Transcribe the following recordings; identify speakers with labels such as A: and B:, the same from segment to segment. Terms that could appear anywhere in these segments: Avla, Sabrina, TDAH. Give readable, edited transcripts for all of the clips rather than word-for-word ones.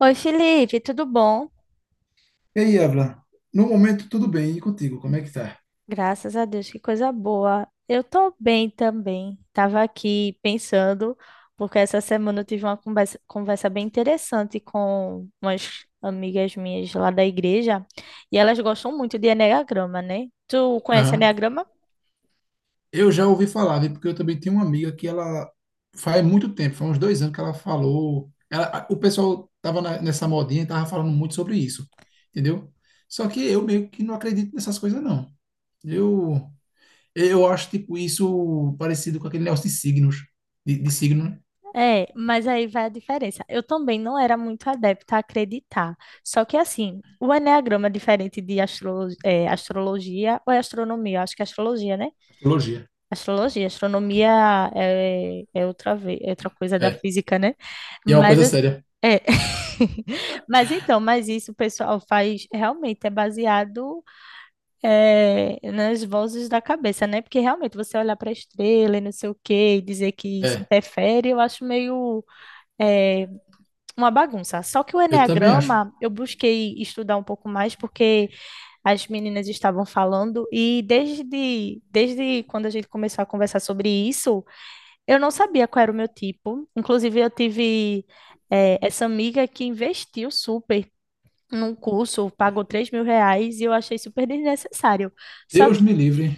A: Oi, Felipe, tudo bom?
B: E aí, Avla? No momento, tudo bem. E contigo, como é que tá?
A: Graças a Deus, que coisa boa. Eu tô bem também. Tava aqui pensando, porque essa semana eu tive uma conversa bem interessante com umas amigas minhas lá da igreja, e elas gostam muito de enneagrama, né? Tu conhece
B: Aham.
A: enneagrama?
B: Eu já ouvi falar, viu? Porque eu também tenho uma amiga que ela faz muito tempo, faz uns dois anos que ela falou. O pessoal tava nessa modinha e tava falando muito sobre isso, entendeu? Só que eu meio que não acredito nessas coisas, não. Eu, eu acho, tipo, isso parecido com aquele negócio de signos, de signo, né?
A: É, mas aí vai a diferença. Eu também não era muito adepta a acreditar. Só que assim, o enneagrama é diferente de astrologia ou é astronomia, eu acho que é astrologia, né?
B: Astrologia.
A: Astrologia, astronomia é outra vez, é outra coisa da
B: É.
A: física, né?
B: E é uma
A: Mas
B: coisa
A: assim,
B: séria.
A: é. Mas então, mas isso o pessoal faz realmente é baseado nas vozes da cabeça, né? Porque realmente você olhar para a estrela e não sei o quê e dizer que isso
B: É.
A: interfere, eu acho meio é, uma bagunça. Só que o
B: Eu também acho.
A: enneagrama eu busquei estudar um pouco mais porque as meninas estavam falando e desde quando a gente começou a conversar sobre isso eu não sabia qual era o meu tipo. Inclusive, eu tive essa amiga que investiu super num curso, pagou R$ 3.000 e eu achei super desnecessário. Só
B: Deus
A: que,
B: me livre.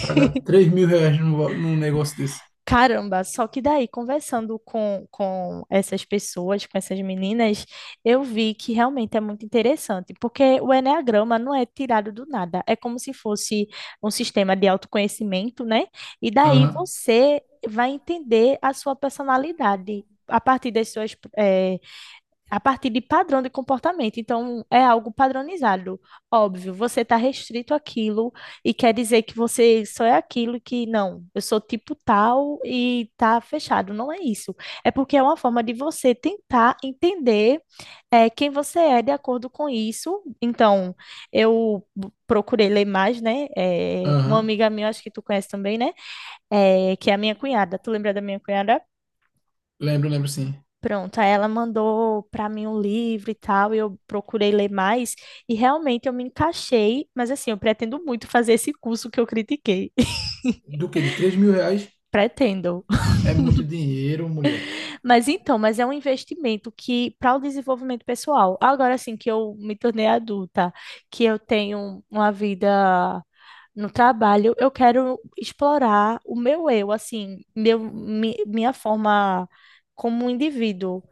B: Pagar R$ 3.000 num, num negócio desse.
A: caramba, só que daí, conversando com essas pessoas, com essas meninas, eu vi que realmente é muito interessante, porque o enneagrama não é tirado do nada, é como se fosse um sistema de autoconhecimento, né? E daí
B: Aham.
A: você vai entender a sua personalidade. A partir das a partir de padrão de comportamento. Então, é algo padronizado. Óbvio, você está restrito àquilo e quer dizer que você só é aquilo e que não, eu sou tipo tal e tá fechado. Não é isso. É porque é uma forma de você tentar entender quem você é de acordo com isso. Então, procurei ler mais, né? É, uma
B: Aham.
A: amiga minha, acho que tu conhece também, né? É, que é a minha cunhada. Tu lembra da minha cunhada?
B: Lembro, lembro sim.
A: Pronto, aí ela mandou para mim um livro e tal, e eu procurei ler mais, e realmente eu me encaixei, mas assim, eu pretendo muito fazer esse curso que eu critiquei.
B: Do que? De R$ 3.000?
A: Pretendo.
B: É muito dinheiro, mulher.
A: Mas então, mas é um investimento que para o desenvolvimento pessoal. Agora assim que eu me tornei adulta, que eu tenho uma vida no trabalho, eu quero explorar o meu eu, assim, minha forma como um indivíduo.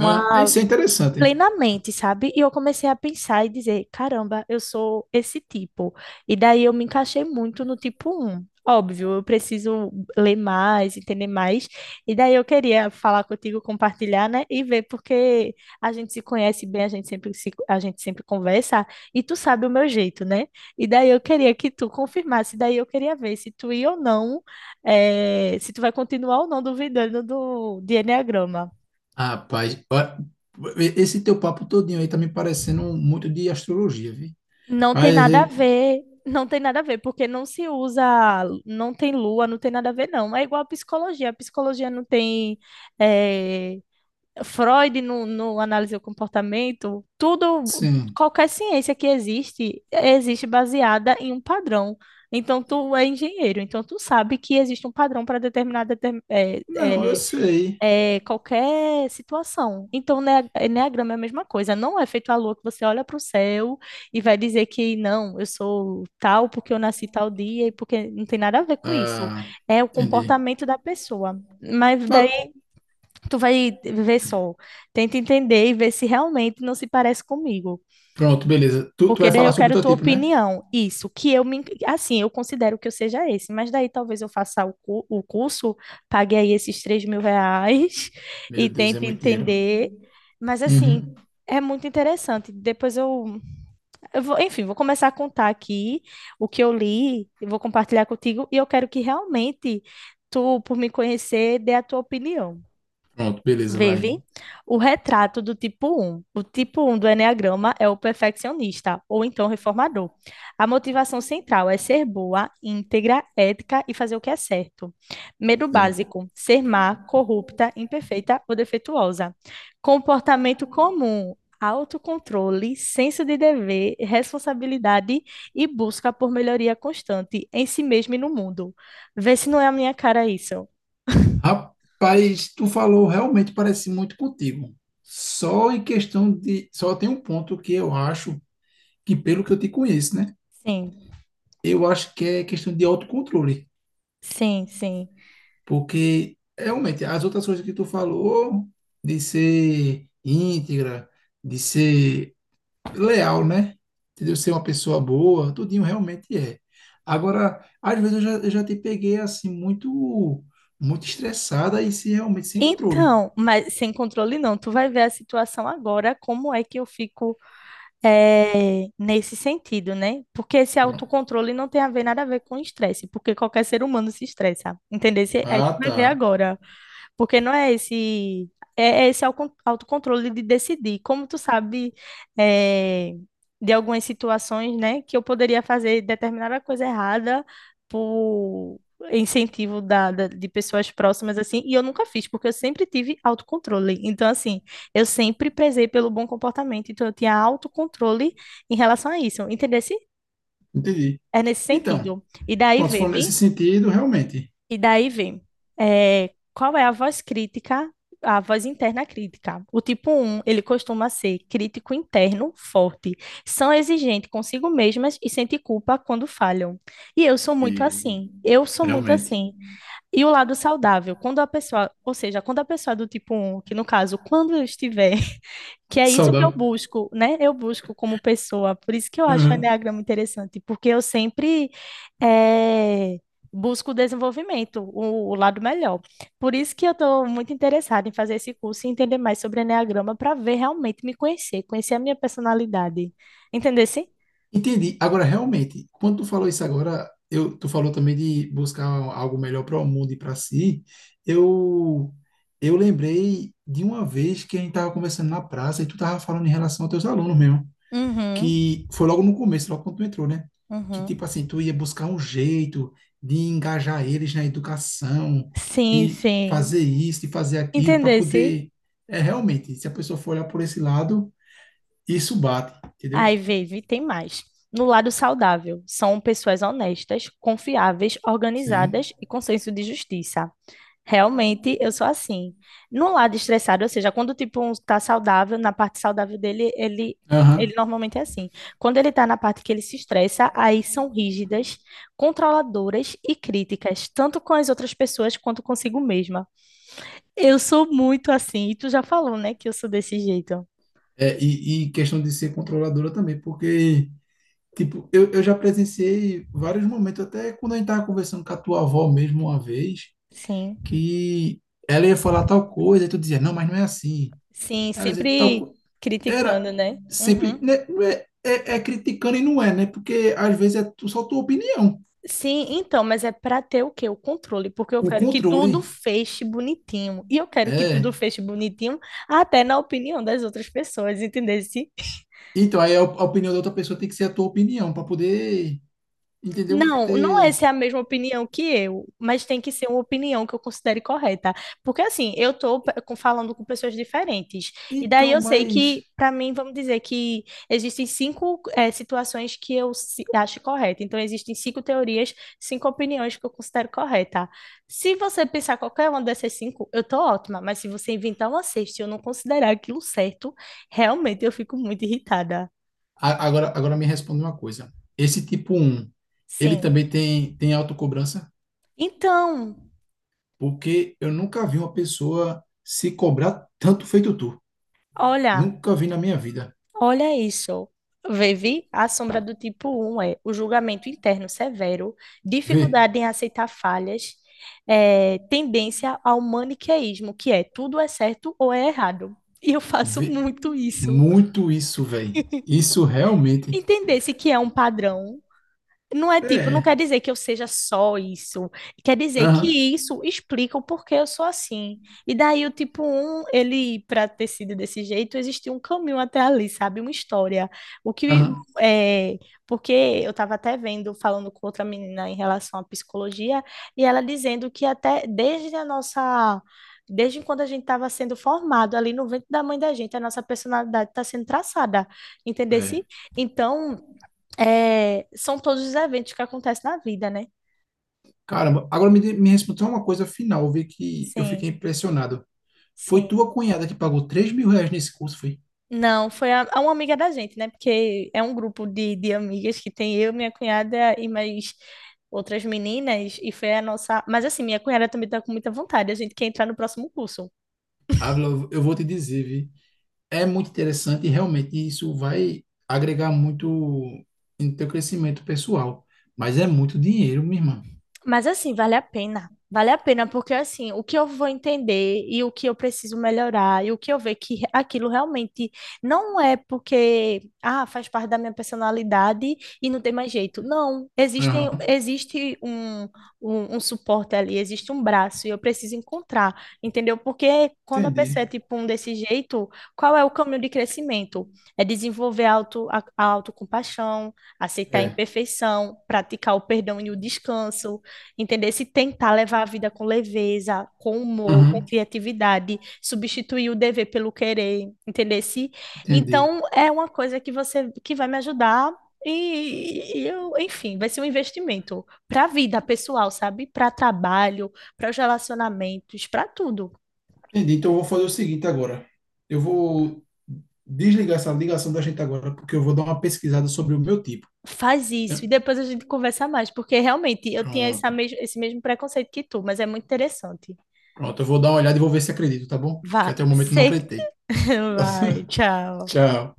B: Ah, isso é interessante, hein?
A: plenamente, sabe? E eu comecei a pensar e dizer, caramba, eu sou esse tipo. E daí eu me encaixei muito no tipo um. Óbvio, eu preciso ler mais, entender mais. E daí eu queria falar contigo, compartilhar, né? E ver porque a gente se conhece bem, a gente sempre se, a gente sempre conversa e tu sabe o meu jeito, né? E daí eu queria que tu confirmasse, daí eu queria ver se tu ia ou não, se tu vai continuar ou não duvidando de Eneagrama.
B: Rapaz, ó, esse teu papo todinho aí tá me parecendo muito de astrologia, viu?
A: Não tem
B: Mas,
A: nada a
B: eh,
A: ver, não tem nada a ver, porque não se usa, não tem lua, não tem nada a ver, não. É igual a psicologia não tem eh, Freud no análise do comportamento, tudo,
B: sim.
A: qualquer ciência que existe, existe baseada em um padrão. Então, tu é engenheiro, então tu sabe que existe um padrão para determinada
B: Não, eu sei.
A: qualquer situação. Então, né, enneagrama é a mesma coisa. Não é feito à lua que você olha para o céu e vai dizer que não, eu sou tal porque eu nasci tal dia e porque não tem nada a ver com isso.
B: Ah,
A: É o
B: entendi.
A: comportamento da pessoa. Mas
B: Mas,
A: daí tu vai ver só, tenta entender e ver se realmente não se parece comigo.
B: pronto, beleza. Tu
A: Porque
B: vai
A: daí
B: falar
A: eu
B: sobre o
A: quero
B: teu
A: tua
B: tipo, né?
A: opinião. Isso, que eu me, assim, eu considero que eu seja esse, mas daí talvez eu faça o curso, pague aí esses R$ 3.000 e
B: Meu Deus, é
A: tente
B: muito dinheiro.
A: entender. Mas assim,
B: Uhum.
A: é muito interessante. Depois eu vou, enfim, vou começar a contar aqui o que eu li, e vou compartilhar contigo, e eu quero que realmente tu, por me conhecer, dê a tua opinião.
B: Pronto, beleza, vai.
A: Vive. O retrato do tipo um. O tipo um do eneagrama é o perfeccionista, ou então reformador. A motivação central é ser boa, íntegra, ética e fazer o que é certo. Medo
B: É.
A: básico, ser má, corrupta, imperfeita ou defeituosa. Comportamento comum, autocontrole, senso de dever, responsabilidade e busca por melhoria constante em si mesmo e no mundo. Vê se não é a minha cara isso.
B: Rapaz, tu falou realmente parece muito contigo. Só em questão de. Só tem um ponto que eu acho que, pelo que eu te conheço, né?
A: Sim,
B: Eu acho que é questão de autocontrole.
A: sim, sim.
B: Porque, realmente, as outras coisas que tu falou, de ser íntegra, de ser leal, né? Entendeu? Ser uma pessoa boa, tudinho realmente é. Agora, às vezes eu já te peguei assim, muito, muito estressada e se realmente sem controle.
A: Então, mas sem controle não, tu vai ver a situação agora, como é que eu fico nesse sentido, né? Porque esse autocontrole não tem a ver nada a ver com estresse, porque qualquer ser humano se estressa, entendeu? Aí tu
B: Ah,
A: vai ver
B: tá.
A: agora. Porque não é esse, é esse autocontrole de decidir. Como tu sabe, eh, de algumas situações, né, que eu poderia fazer determinada coisa errada por incentivo de pessoas próximas, assim, e eu nunca fiz, porque eu sempre tive autocontrole. Então, assim, eu sempre prezei pelo bom comportamento, então eu tinha autocontrole em relação a isso, entendesse?
B: Entendi.
A: É nesse
B: Então,
A: sentido. E daí,
B: pronto, se
A: vê,
B: for nesse
A: vi?
B: sentido, realmente.
A: E daí vem, qual é a voz crítica, a voz interna crítica? O tipo um ele costuma ser crítico interno, forte, são exigentes consigo mesmas e sente culpa quando falham.
B: E
A: Eu sou muito
B: realmente.
A: assim. E o lado saudável, quando a pessoa, ou seja, quando a pessoa é do tipo um, que no caso, quando eu estiver que é isso que eu
B: Saudável.
A: busco, né? Eu busco como pessoa. Por isso que eu acho o
B: Uhum.
A: Enneagrama interessante, porque eu sempre eh, busco o desenvolvimento, o lado melhor. Por isso que eu estou muito interessada em fazer esse curso e entender mais sobre Enneagrama para ver realmente me conhecer, conhecer a minha personalidade. Entendesse?
B: Entendi. Agora, realmente, quando tu falou isso agora, tu falou também de buscar algo melhor para o mundo e para si. Eu, eu lembrei de uma vez que a gente estava conversando na praça e tu estava falando em relação aos teus alunos mesmo.
A: Uhum,
B: Que foi logo no começo, logo quando tu entrou, né? Que
A: uhum.
B: tipo assim, tu ia buscar um jeito de engajar eles na educação,
A: Sim,
B: de
A: sim.
B: fazer isso, de fazer aquilo, para
A: Entendesse?
B: poder. É realmente, se a pessoa for olhar por esse lado, isso bate,
A: Ai,
B: entendeu?
A: Vivi, tem mais. No lado saudável, são pessoas honestas, confiáveis,
B: Sim.
A: organizadas e com senso de justiça. Realmente, eu sou assim. No lado estressado, ou seja, quando o tipo um tá saudável, na parte saudável dele, ele
B: Aham.
A: ele normalmente é assim. Quando ele está na parte que ele se estressa, aí são rígidas, controladoras e críticas, tanto com as outras pessoas quanto consigo mesma. Eu sou muito assim, e tu já falou, né, que eu sou desse jeito.
B: É, e questão de ser controladora também, porque, tipo, eu já presenciei vários momentos, até quando a gente estava conversando com a tua avó mesmo uma vez,
A: Sim.
B: que ela ia falar tal coisa, e tu dizia, não, mas não é assim.
A: Sim,
B: Ela dizia,
A: sempre
B: tal, era
A: criticando, né?
B: sempre,
A: Uhum.
B: né, não é, é criticando e não é, né? Porque às vezes é só tua opinião.
A: Sim, então, mas é para ter o quê? O controle, porque eu
B: O
A: quero que
B: controle
A: tudo feche bonitinho. E eu quero que tudo
B: é.
A: feche bonitinho até na opinião das outras pessoas, entendeu?
B: Então, aí a a opinião da outra pessoa tem que ser a tua opinião para poder, entendeu?
A: Não, não é
B: Ter...
A: se é a mesma opinião que eu, mas tem que ser uma opinião que eu considere correta. Porque assim, eu estou falando com pessoas diferentes. E daí
B: Então,
A: eu sei que,
B: mas
A: para mim, vamos dizer que existem cinco situações que eu acho correta. Então, existem cinco teorias, cinco opiniões que eu considero correta. Se você pensar qualquer uma dessas cinco, eu tô ótima. Mas se você inventar uma sexta e eu não considerar aquilo certo, realmente eu fico muito irritada.
B: agora agora me responde uma coisa. Esse tipo um ele
A: Sim.
B: também tem autocobrança?
A: Então,
B: Porque eu nunca vi uma pessoa se cobrar tanto feito tu.
A: olha.
B: Nunca vi na minha vida.
A: Olha isso. Vivi, a sombra do tipo um é o julgamento interno severo,
B: Vê,
A: dificuldade em aceitar falhas, tendência ao maniqueísmo, que é tudo é certo ou é errado. E eu faço
B: vê
A: muito isso.
B: muito isso, velho. Isso realmente
A: Entender-se que é um padrão não é tipo, não
B: é.
A: quer dizer que eu seja só isso. Quer dizer
B: Aham,
A: que isso explica o porquê eu sou assim. E daí o tipo um, ele, para ter sido desse jeito, existiu um caminho até ali, sabe? Uma história. O que
B: aham.
A: é. Porque eu estava até vendo, falando com outra menina em relação à psicologia, e ela dizendo que até desde a nossa. Desde quando a gente estava sendo formado ali no ventre da mãe da gente, a nossa personalidade está sendo traçada, entendeu?
B: É.
A: Então, são todos os eventos que acontecem na vida, né?
B: Caramba, agora me, me respondeu uma coisa final, eu vi que eu fiquei
A: Sim,
B: impressionado. Foi
A: sim.
B: tua cunhada que pagou R$ 3.000 nesse curso, foi?
A: Não, foi a uma amiga da gente, né? Porque é um grupo de amigas que tem eu, minha cunhada e mais outras meninas, e foi a nossa. Mas assim, minha cunhada também tá com muita vontade, a gente quer entrar no próximo curso.
B: Ávila, eu vou te dizer, vi. É muito interessante e realmente isso vai agregar muito no teu crescimento pessoal. Mas é muito dinheiro, minha irmã.
A: Mas assim, vale a pena. Vale a pena, porque assim, o que eu vou entender e o que eu preciso melhorar, e o que eu ver que aquilo realmente não é porque, ah, faz parte da minha personalidade e não tem mais jeito. Não, existem,
B: Aham,
A: existe um suporte ali, existe um braço, e eu preciso encontrar, entendeu? Porque quando a pessoa é
B: entendi.
A: tipo um desse jeito, qual é o caminho de crescimento? É desenvolver a a autocompaixão, aceitar a
B: É.
A: imperfeição, praticar o perdão e o descanso. Entender se tentar levar a vida com leveza, com humor,
B: Aham,
A: com criatividade, substituir o dever pelo querer, entender se.
B: entendi.
A: Então é uma coisa que você que vai me ajudar e eu, enfim, vai ser um investimento para a vida pessoal, sabe? Para trabalho, para os relacionamentos, para tudo.
B: Entendi. Então eu vou fazer o seguinte agora. Eu vou desligar essa ligação da gente agora, porque eu vou dar uma pesquisada sobre o meu tipo.
A: Faz
B: É,
A: isso e depois a gente conversa mais, porque realmente eu tinha essa
B: pronto.
A: mes esse mesmo preconceito que tu, mas é muito interessante.
B: Pronto, eu vou dar uma olhada e vou ver se acredito, tá bom? Que
A: Vá,
B: até o momento eu não
A: se...
B: acreditei.
A: vai, tchau.
B: Tchau.